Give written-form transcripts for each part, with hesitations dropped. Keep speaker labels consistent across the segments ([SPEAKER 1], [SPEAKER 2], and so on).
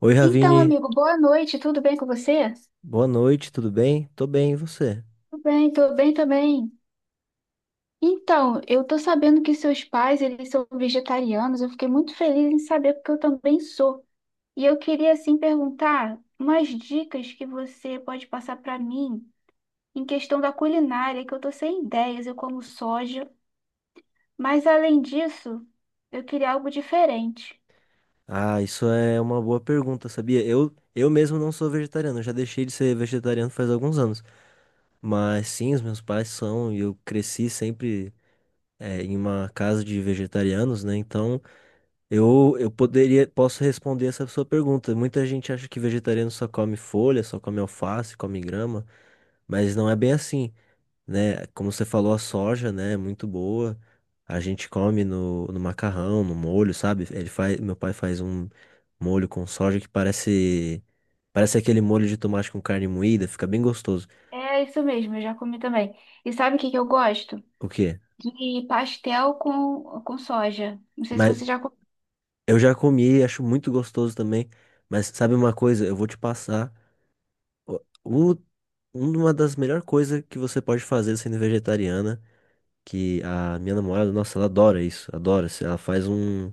[SPEAKER 1] Oi,
[SPEAKER 2] Então,
[SPEAKER 1] Ravine.
[SPEAKER 2] amigo, boa noite, tudo bem com você?
[SPEAKER 1] Boa noite, tudo bem? Tô bem, e você?
[SPEAKER 2] Tudo bem também. Então, eu tô sabendo que seus pais, eles são vegetarianos, eu fiquei muito feliz em saber porque eu também sou. E eu queria, assim, perguntar umas dicas que você pode passar para mim em questão da culinária, que eu tô sem ideias, eu como soja, mas além disso, eu queria algo diferente.
[SPEAKER 1] Ah, isso é uma boa pergunta, sabia? Eu mesmo não sou vegetariano, eu já deixei de ser vegetariano faz alguns anos. Mas sim, os meus pais são, e eu cresci sempre em uma casa de vegetarianos, né? Então eu posso responder essa sua pergunta. Muita gente acha que vegetariano só come folha, só come alface, come grama, mas não é bem assim. Né? Como você falou, a soja, né, é muito boa. A gente come no macarrão, no molho, sabe? Meu pai faz um molho com soja que parece parece aquele molho de tomate com carne moída, fica bem gostoso.
[SPEAKER 2] É isso mesmo, eu já comi também. E sabe o que que eu gosto?
[SPEAKER 1] O quê?
[SPEAKER 2] De pastel com soja. Não sei se
[SPEAKER 1] Mas
[SPEAKER 2] você já.
[SPEAKER 1] eu já comi, acho muito gostoso também. Mas sabe uma coisa? Eu vou te passar o, o- uma das melhores coisas que você pode fazer sendo vegetariana, que a minha namorada, nossa, ela adora isso, adora. Ela faz um.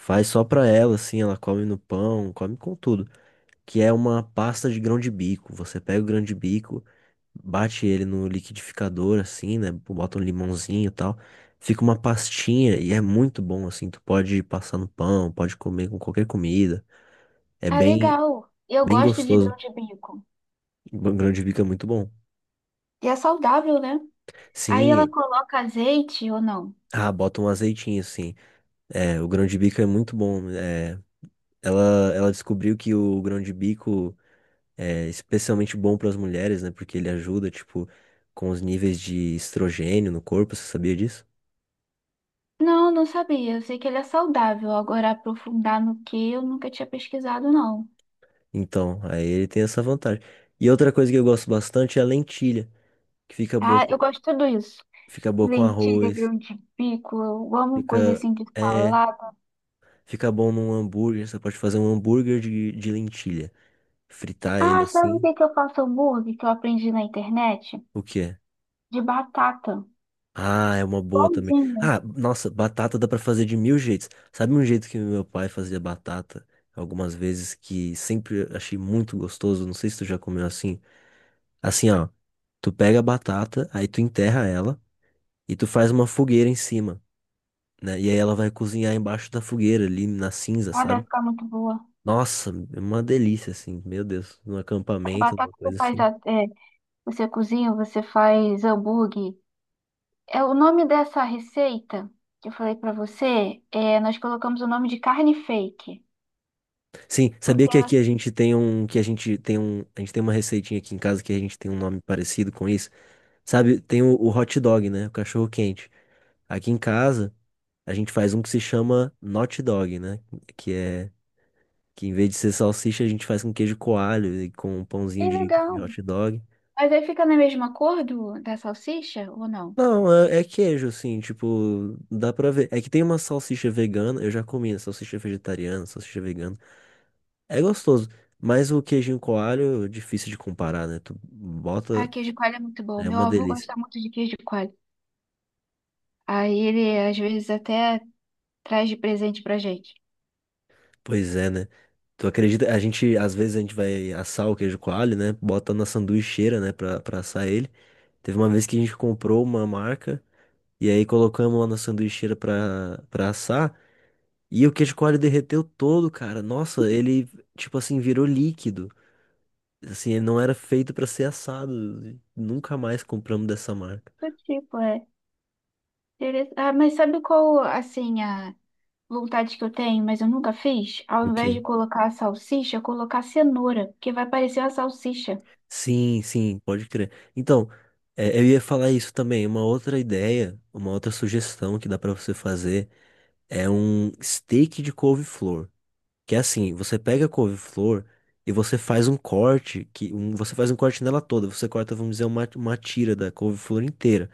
[SPEAKER 1] Faz só pra ela, assim, ela come no pão, come com tudo. Que é uma pasta de grão de bico. Você pega o grão de bico, bate ele no liquidificador, assim, né? Bota um limãozinho e tal. Fica uma pastinha e é muito bom, assim. Tu pode passar no pão, pode comer com qualquer comida. É
[SPEAKER 2] Ah,
[SPEAKER 1] bem,
[SPEAKER 2] legal. Eu
[SPEAKER 1] bem
[SPEAKER 2] gosto de
[SPEAKER 1] gostoso.
[SPEAKER 2] grão de bico.
[SPEAKER 1] O grão de bico é muito bom.
[SPEAKER 2] E é saudável, né? Aí ela
[SPEAKER 1] Sim,
[SPEAKER 2] coloca azeite ou não?
[SPEAKER 1] ah, bota um azeitinho, assim. É, o grão de bico é muito bom. É, ela descobriu que o grão de bico é especialmente bom para as mulheres, né? Porque ele ajuda, tipo, com os níveis de estrogênio no corpo, você sabia disso?
[SPEAKER 2] Não, não sabia. Eu sei que ele é saudável. Agora, aprofundar no que eu nunca tinha pesquisado, não.
[SPEAKER 1] Então, aí ele tem essa vantagem. E outra coisa que eu gosto bastante é a lentilha, que
[SPEAKER 2] Ah, eu gosto de tudo isso.
[SPEAKER 1] fica boa com
[SPEAKER 2] Lentilha,
[SPEAKER 1] arroz,
[SPEAKER 2] grão de bico, eu amo coisa
[SPEAKER 1] fica,
[SPEAKER 2] assim de
[SPEAKER 1] é,
[SPEAKER 2] salada.
[SPEAKER 1] fica bom num hambúrguer, você pode fazer um hambúrguer de lentilha, fritar ele
[SPEAKER 2] Ah, sabe o
[SPEAKER 1] assim.
[SPEAKER 2] que que eu faço hambúrguer que eu aprendi na internet?
[SPEAKER 1] O quê?
[SPEAKER 2] De batata.
[SPEAKER 1] Ah, é uma boa também.
[SPEAKER 2] Pãozinho.
[SPEAKER 1] Ah, nossa, batata dá pra fazer de mil jeitos. Sabe um jeito que meu pai fazia batata algumas vezes que sempre achei muito gostoso? Não sei se tu já comeu assim. Assim, ó, tu pega a batata, aí tu enterra ela e tu faz uma fogueira em cima, né? E aí ela vai cozinhar embaixo da fogueira ali na cinza,
[SPEAKER 2] Ah, deve
[SPEAKER 1] sabe?
[SPEAKER 2] ficar muito boa.
[SPEAKER 1] Nossa, é uma delícia assim. Meu Deus, num
[SPEAKER 2] A
[SPEAKER 1] acampamento,
[SPEAKER 2] batata
[SPEAKER 1] uma
[SPEAKER 2] que você
[SPEAKER 1] coisa
[SPEAKER 2] faz,
[SPEAKER 1] assim.
[SPEAKER 2] é, você cozinha, você faz hambúrguer. É o nome dessa receita que eu falei pra você, é, nós colocamos o nome de carne fake,
[SPEAKER 1] Sim, sabia
[SPEAKER 2] porque
[SPEAKER 1] que
[SPEAKER 2] ela
[SPEAKER 1] aqui a gente tem um que a gente tem uma receitinha aqui em casa que a gente tem um nome parecido com isso? Sabe, tem o hot dog, né? O cachorro quente. Aqui em casa, a gente faz um que se chama not dog, né? Que é que em vez de ser salsicha, a gente faz com queijo coalho e com um pãozinho
[SPEAKER 2] é
[SPEAKER 1] de
[SPEAKER 2] legal.
[SPEAKER 1] hot dog.
[SPEAKER 2] Mas aí fica na mesma cor do, da salsicha ou não?
[SPEAKER 1] Não, é, é queijo, assim, tipo, dá pra ver. É que tem uma salsicha vegana, eu já comi, né? Salsicha vegetariana, salsicha vegana. É gostoso, mas o queijinho coalho, difícil de comparar, né? Tu
[SPEAKER 2] Ah,
[SPEAKER 1] bota,
[SPEAKER 2] queijo de coalho é muito bom.
[SPEAKER 1] é
[SPEAKER 2] Meu
[SPEAKER 1] uma
[SPEAKER 2] avô
[SPEAKER 1] delícia.
[SPEAKER 2] gosta muito de queijo de coalho. Aí ele às vezes até traz de presente pra gente.
[SPEAKER 1] Pois é, né? Tu acredita? A gente vai assar o queijo coalho, né? Bota na sanduicheira, né? Pra assar ele. Teve uma vez que a gente comprou uma marca e aí colocamos lá na sanduicheira pra assar. E o queijo coalho derreteu todo, cara. Nossa, ele, tipo assim, virou líquido. Assim, ele não era feito pra ser assado. Nunca mais compramos dessa marca.
[SPEAKER 2] Do tipo, é. Ah, mas sabe qual, assim, a vontade que eu tenho, mas eu nunca fiz? Ao
[SPEAKER 1] O
[SPEAKER 2] invés de
[SPEAKER 1] quê?
[SPEAKER 2] colocar a salsicha, colocar cenoura, porque vai parecer uma salsicha.
[SPEAKER 1] Sim, sim, pode crer. Então, eu ia falar isso também. Uma outra ideia, uma outra sugestão que dá pra você fazer. É um steak de couve-flor. Que é assim, você pega a couve-flor e você faz um corte, você faz um corte nela toda. Você corta, vamos dizer, uma tira da couve-flor inteira.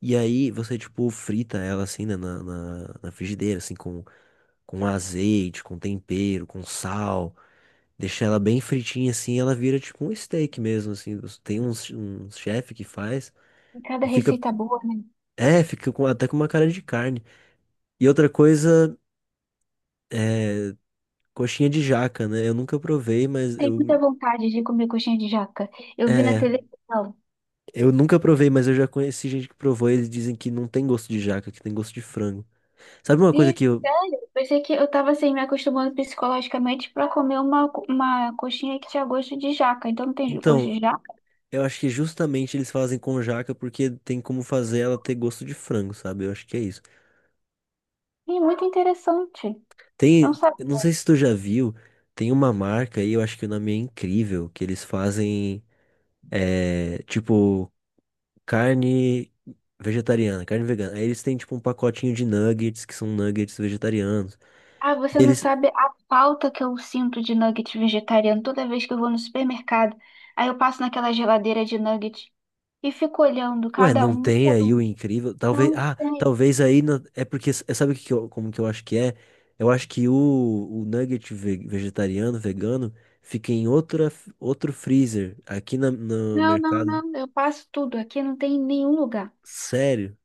[SPEAKER 1] E aí você, tipo, frita ela assim, né, na frigideira, assim, com azeite, com tempero, com sal. Deixa ela bem fritinha assim, ela vira tipo um steak mesmo, assim. Você- Tem uns, um chefe que faz
[SPEAKER 2] E cada
[SPEAKER 1] e fica,
[SPEAKER 2] receita boa, né?
[SPEAKER 1] é, fica com, até com uma cara de carne. E outra coisa, é, coxinha de jaca, né? Eu nunca provei, mas
[SPEAKER 2] Tem muita
[SPEAKER 1] eu.
[SPEAKER 2] vontade de comer coxinha de jaca. Eu vi na
[SPEAKER 1] É,
[SPEAKER 2] televisão.
[SPEAKER 1] eu nunca provei, mas eu já conheci gente que provou e eles dizem que não tem gosto de jaca, que tem gosto de frango. Sabe uma coisa
[SPEAKER 2] E,
[SPEAKER 1] que eu.
[SPEAKER 2] sério, pensei que eu tava assim, me acostumando psicologicamente pra comer uma, uma coxinha que tinha gosto de jaca. Então não tem gosto
[SPEAKER 1] Então,
[SPEAKER 2] de jaca.
[SPEAKER 1] eu acho que justamente eles fazem com jaca porque tem como fazer ela ter gosto de frango, sabe? Eu acho que é isso.
[SPEAKER 2] E muito interessante.
[SPEAKER 1] Tem.
[SPEAKER 2] Não sabe.
[SPEAKER 1] Eu Não sei se tu já viu, tem uma marca aí, eu acho que o nome é Incrível, que eles fazem. É, tipo, carne vegetariana, carne vegana. Aí eles têm tipo um pacotinho de nuggets, que são nuggets vegetarianos.
[SPEAKER 2] Ah, você
[SPEAKER 1] E
[SPEAKER 2] não
[SPEAKER 1] eles,
[SPEAKER 2] sabe a falta que eu sinto de nugget vegetariano toda vez que eu vou no supermercado. Aí eu passo naquela geladeira de nugget e fico olhando
[SPEAKER 1] ué,
[SPEAKER 2] cada
[SPEAKER 1] não
[SPEAKER 2] um
[SPEAKER 1] tem
[SPEAKER 2] por
[SPEAKER 1] aí o
[SPEAKER 2] um.
[SPEAKER 1] Incrível? Talvez,
[SPEAKER 2] Não
[SPEAKER 1] ah,
[SPEAKER 2] tem.
[SPEAKER 1] talvez aí na- é porque é- sabe o que que eu- como que eu acho que é? Eu acho que o vegetariano, vegano, fica em outra, outro freezer no
[SPEAKER 2] Não, não,
[SPEAKER 1] mercado.
[SPEAKER 2] não. Eu passo tudo. Aqui não tem em nenhum lugar.
[SPEAKER 1] Sério?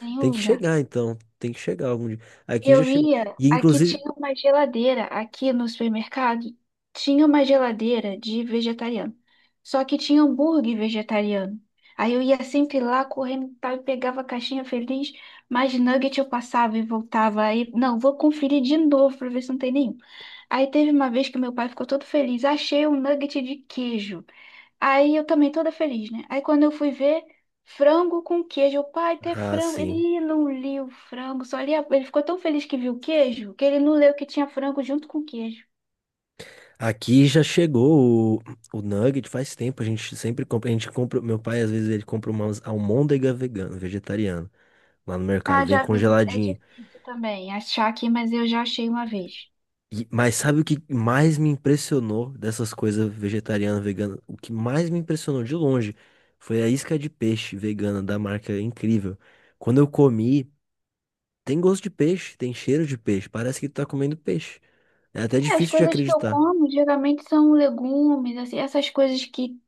[SPEAKER 2] Nenhum
[SPEAKER 1] Tem que
[SPEAKER 2] lugar.
[SPEAKER 1] chegar então, tem que chegar algum dia. Aqui já
[SPEAKER 2] Eu
[SPEAKER 1] chegou.
[SPEAKER 2] ia,
[SPEAKER 1] E
[SPEAKER 2] aqui tinha
[SPEAKER 1] inclusive,
[SPEAKER 2] uma geladeira, aqui no supermercado, tinha uma geladeira de vegetariano. Só que tinha hambúrguer vegetariano. Aí eu ia sempre lá correndo e tal, e pegava a caixinha feliz, mas nugget eu passava e voltava. Aí, não, vou conferir de novo pra ver se não tem nenhum. Aí teve uma vez que meu pai ficou todo feliz, achei um nugget de queijo. Aí eu também toda feliz, né? Aí quando eu fui ver, frango com queijo. O pai, até
[SPEAKER 1] ah,
[SPEAKER 2] frango.
[SPEAKER 1] sim.
[SPEAKER 2] Ele não lia o frango, só lia. Ele ficou tão feliz que viu o queijo, que ele não leu que tinha frango junto com queijo.
[SPEAKER 1] Aqui já chegou o nugget faz tempo, a gente compra, meu pai às vezes ele compra umas almôndega vegana, vegetariana lá no mercado,
[SPEAKER 2] Ah,
[SPEAKER 1] vem
[SPEAKER 2] já vi. É
[SPEAKER 1] congeladinho.
[SPEAKER 2] difícil também achar aqui, mas eu já achei uma vez.
[SPEAKER 1] E- mas sabe o que mais me impressionou dessas coisas vegetariana, vegana? O que mais me impressionou de longe foi a isca de peixe vegana da marca Incrível. Quando eu comi, tem gosto de peixe, tem cheiro de peixe, parece que tu tá comendo peixe. É até
[SPEAKER 2] É, as
[SPEAKER 1] difícil de
[SPEAKER 2] coisas que eu
[SPEAKER 1] acreditar.
[SPEAKER 2] como geralmente são legumes, assim, essas coisas que.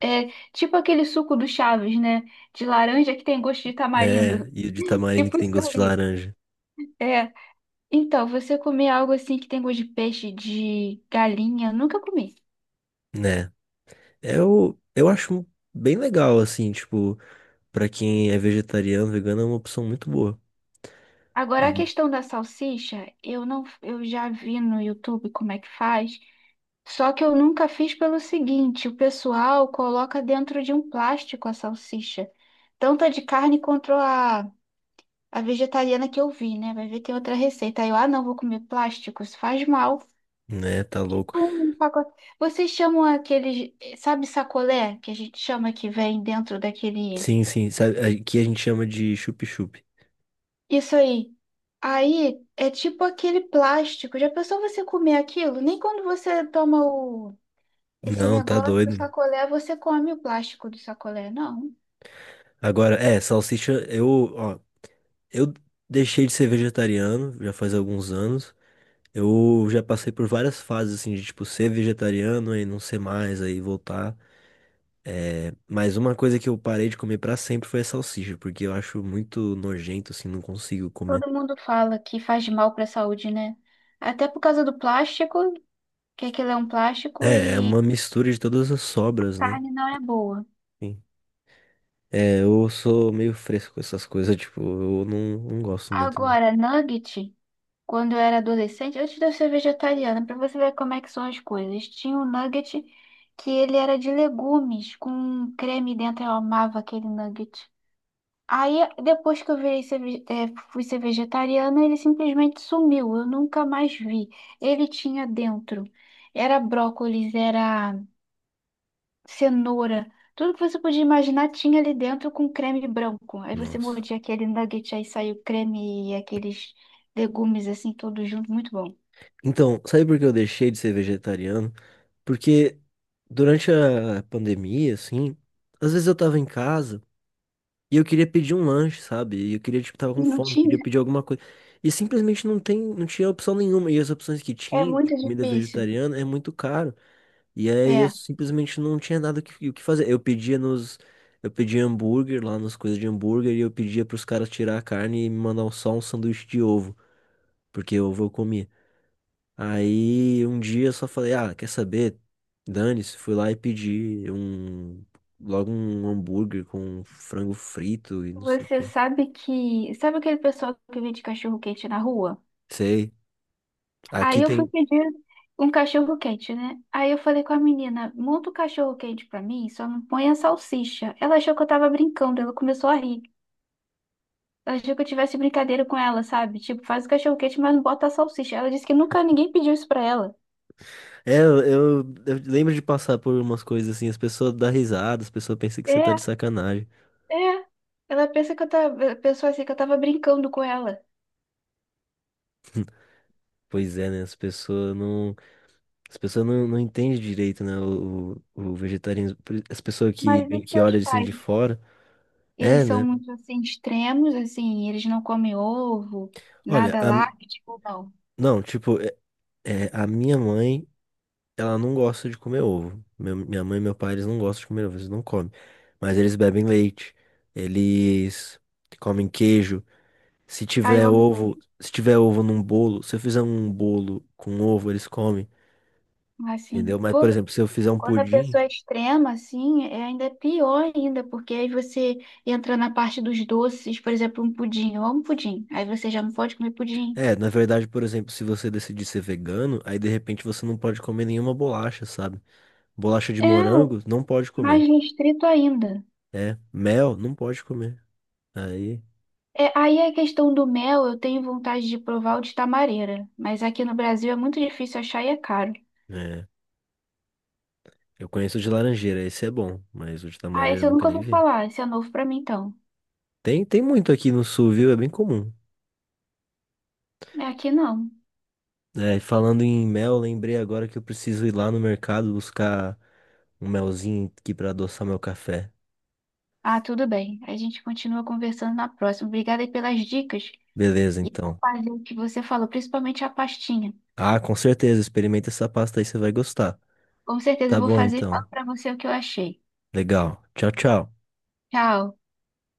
[SPEAKER 2] É, tipo aquele suco do Chaves, né? De laranja que tem gosto de
[SPEAKER 1] É,
[SPEAKER 2] tamarindo.
[SPEAKER 1] e o de tamarindo que
[SPEAKER 2] Tipo
[SPEAKER 1] tem
[SPEAKER 2] isso
[SPEAKER 1] gosto de
[SPEAKER 2] aí.
[SPEAKER 1] laranja,
[SPEAKER 2] É. Então, você comer algo assim que tem gosto de peixe, de galinha, nunca comi.
[SPEAKER 1] né? Eu acho bem legal, assim, tipo, pra quem é vegetariano, vegano é uma opção muito boa.
[SPEAKER 2] Agora, a
[SPEAKER 1] E,
[SPEAKER 2] questão da salsicha, eu não, eu já vi no YouTube como é que faz, só que eu nunca fiz pelo seguinte, o pessoal coloca dentro de um plástico a salsicha, tanto a de carne quanto a vegetariana que eu vi, né? Vai ver, tem outra receita. Aí eu, ah, não, vou comer plástico, isso faz mal.
[SPEAKER 1] né, tá louco.
[SPEAKER 2] Tipo um pacote. Vocês chamam aqueles, sabe sacolé, que a gente chama que vem dentro daquele.
[SPEAKER 1] Sim, sim, sabe, aqui a gente chama de chup-chup.
[SPEAKER 2] Isso aí. Aí é tipo aquele plástico. Já pensou você comer aquilo? Nem quando você toma o esse
[SPEAKER 1] Não, tá
[SPEAKER 2] negócio, o
[SPEAKER 1] doido.
[SPEAKER 2] sacolé, você come o plástico do sacolé, não.
[SPEAKER 1] Agora, salsicha, ó, eu deixei de ser vegetariano já faz alguns anos. Eu já passei por várias fases, assim, de, tipo, ser vegetariano e não ser mais, aí voltar. É, mas uma coisa que eu parei de comer pra sempre foi a salsicha, porque eu acho muito nojento, assim, não consigo comer.
[SPEAKER 2] Todo mundo fala que faz mal para a saúde, né? Até por causa do plástico, que aquilo é um plástico
[SPEAKER 1] É, é uma
[SPEAKER 2] e
[SPEAKER 1] mistura de todas as sobras, né?
[SPEAKER 2] carne não é boa.
[SPEAKER 1] Sim. É, eu sou meio fresco com essas coisas, tipo, eu não, não gosto muito, não.
[SPEAKER 2] Agora, nugget. Quando eu era adolescente, antes de eu ser vegetariana, pra você ver como é que são as coisas. Tinha um nugget que ele era de legumes, com um creme dentro, eu amava aquele nugget. Aí, depois que eu virei ser, fui ser vegetariana, ele simplesmente sumiu, eu nunca mais vi. Ele tinha dentro, era brócolis, era cenoura, tudo que você podia imaginar tinha ali dentro com creme branco. Aí você
[SPEAKER 1] Nossa.
[SPEAKER 2] mordia aquele nugget, aí saiu creme e aqueles legumes assim, todos juntos, muito bom.
[SPEAKER 1] Então, sabe por que eu deixei de ser vegetariano? Porque durante a pandemia, assim, às vezes eu tava em casa e eu queria pedir um lanche, sabe? E eu queria, tipo, tava com
[SPEAKER 2] E não
[SPEAKER 1] fome, queria
[SPEAKER 2] tinha.
[SPEAKER 1] pedir alguma coisa. E simplesmente não tem, não tinha opção nenhuma. E as opções que
[SPEAKER 2] É
[SPEAKER 1] tinha de
[SPEAKER 2] muito
[SPEAKER 1] comida
[SPEAKER 2] difícil.
[SPEAKER 1] vegetariana é muito caro. E aí eu
[SPEAKER 2] É.
[SPEAKER 1] simplesmente não tinha nada o que fazer. Eu pedia nos. Eu pedia hambúrguer lá nas coisas de hambúrguer e eu pedia pros caras tirar a carne e me mandar só um sanduíche de ovo, porque ovo eu comia. Aí um dia eu só falei, ah, quer saber? Dane-se, fui lá e pedi logo um hambúrguer com frango frito e não sei o
[SPEAKER 2] Você
[SPEAKER 1] quê.
[SPEAKER 2] sabe que. Sabe aquele pessoal que vende cachorro-quente na rua?
[SPEAKER 1] Sei. Aqui
[SPEAKER 2] Aí eu fui
[SPEAKER 1] tem.
[SPEAKER 2] pedir um cachorro-quente, né? Aí eu falei com a menina: monta o cachorro-quente pra mim, só não põe a salsicha. Ela achou que eu tava brincando, ela começou a rir. Ela achou que eu tivesse brincadeira com ela, sabe? Tipo, faz o cachorro-quente, mas não bota a salsicha. Ela disse que nunca ninguém pediu isso pra ela.
[SPEAKER 1] É, eu lembro de passar por umas coisas assim, as pessoas dão risada, as pessoas pensam que você
[SPEAKER 2] É,
[SPEAKER 1] tá de sacanagem.
[SPEAKER 2] é. Ela pensa que eu tava, pensou assim que eu tava brincando com ela.
[SPEAKER 1] Pois é, né? As pessoas não. As pessoas não entendem direito, né? O vegetarianismo. As pessoas que,
[SPEAKER 2] Mas isso
[SPEAKER 1] que
[SPEAKER 2] é os
[SPEAKER 1] olham assim
[SPEAKER 2] pais.
[SPEAKER 1] de fora. É,
[SPEAKER 2] Eles são
[SPEAKER 1] né?
[SPEAKER 2] muito assim extremos, assim, eles não comem ovo,
[SPEAKER 1] Olha,
[SPEAKER 2] nada
[SPEAKER 1] a-
[SPEAKER 2] lácteo, não.
[SPEAKER 1] não, tipo, é, a minha mãe. Ela não gosta de comer ovo. Minha mãe e meu pai, eles não gostam de comer ovo, eles não comem. Mas eles bebem leite, eles comem queijo. Se
[SPEAKER 2] Ah, eu
[SPEAKER 1] tiver
[SPEAKER 2] amo queijo.
[SPEAKER 1] ovo, se tiver ovo num bolo, se eu fizer um bolo com ovo, eles comem, entendeu?
[SPEAKER 2] Assim,
[SPEAKER 1] Mas, por
[SPEAKER 2] pô,
[SPEAKER 1] exemplo, se eu fizer um
[SPEAKER 2] quando a
[SPEAKER 1] pudim,
[SPEAKER 2] pessoa é extrema, assim, é ainda pior ainda, porque aí você entra na parte dos doces, por exemplo, um pudim. Eu amo pudim. Aí você já não pode comer pudim.
[SPEAKER 1] é, na verdade, por exemplo, se você decidir ser vegano, aí de repente você não pode comer nenhuma bolacha, sabe? Bolacha de
[SPEAKER 2] É,
[SPEAKER 1] morango, não pode
[SPEAKER 2] mais
[SPEAKER 1] comer.
[SPEAKER 2] restrito ainda.
[SPEAKER 1] É, mel, não pode comer. Aí,
[SPEAKER 2] É, aí a questão do mel, eu tenho vontade de provar o de tamareira, mas aqui no Brasil é muito difícil achar e é caro.
[SPEAKER 1] é. Eu conheço o de laranjeira, esse é bom, mas o de
[SPEAKER 2] Ah,
[SPEAKER 1] tamareira eu
[SPEAKER 2] esse eu
[SPEAKER 1] nunca
[SPEAKER 2] nunca
[SPEAKER 1] nem
[SPEAKER 2] ouvi
[SPEAKER 1] vi.
[SPEAKER 2] falar, esse é novo pra mim então.
[SPEAKER 1] Tem, tem muito aqui no sul, viu? É bem comum.
[SPEAKER 2] É aqui não.
[SPEAKER 1] É, falando em mel, lembrei agora que eu preciso ir lá no mercado buscar um melzinho aqui pra adoçar meu café.
[SPEAKER 2] Ah, tudo bem. A gente continua conversando na próxima. Obrigada aí pelas dicas
[SPEAKER 1] Beleza,
[SPEAKER 2] e vou
[SPEAKER 1] então.
[SPEAKER 2] fazer o que você falou, principalmente a pastinha.
[SPEAKER 1] Ah, com certeza, experimenta essa pasta aí, você vai gostar.
[SPEAKER 2] Com certeza eu
[SPEAKER 1] Tá
[SPEAKER 2] vou
[SPEAKER 1] bom,
[SPEAKER 2] fazer e
[SPEAKER 1] então.
[SPEAKER 2] falo para você o que eu achei.
[SPEAKER 1] Legal. Tchau, tchau.
[SPEAKER 2] Tchau.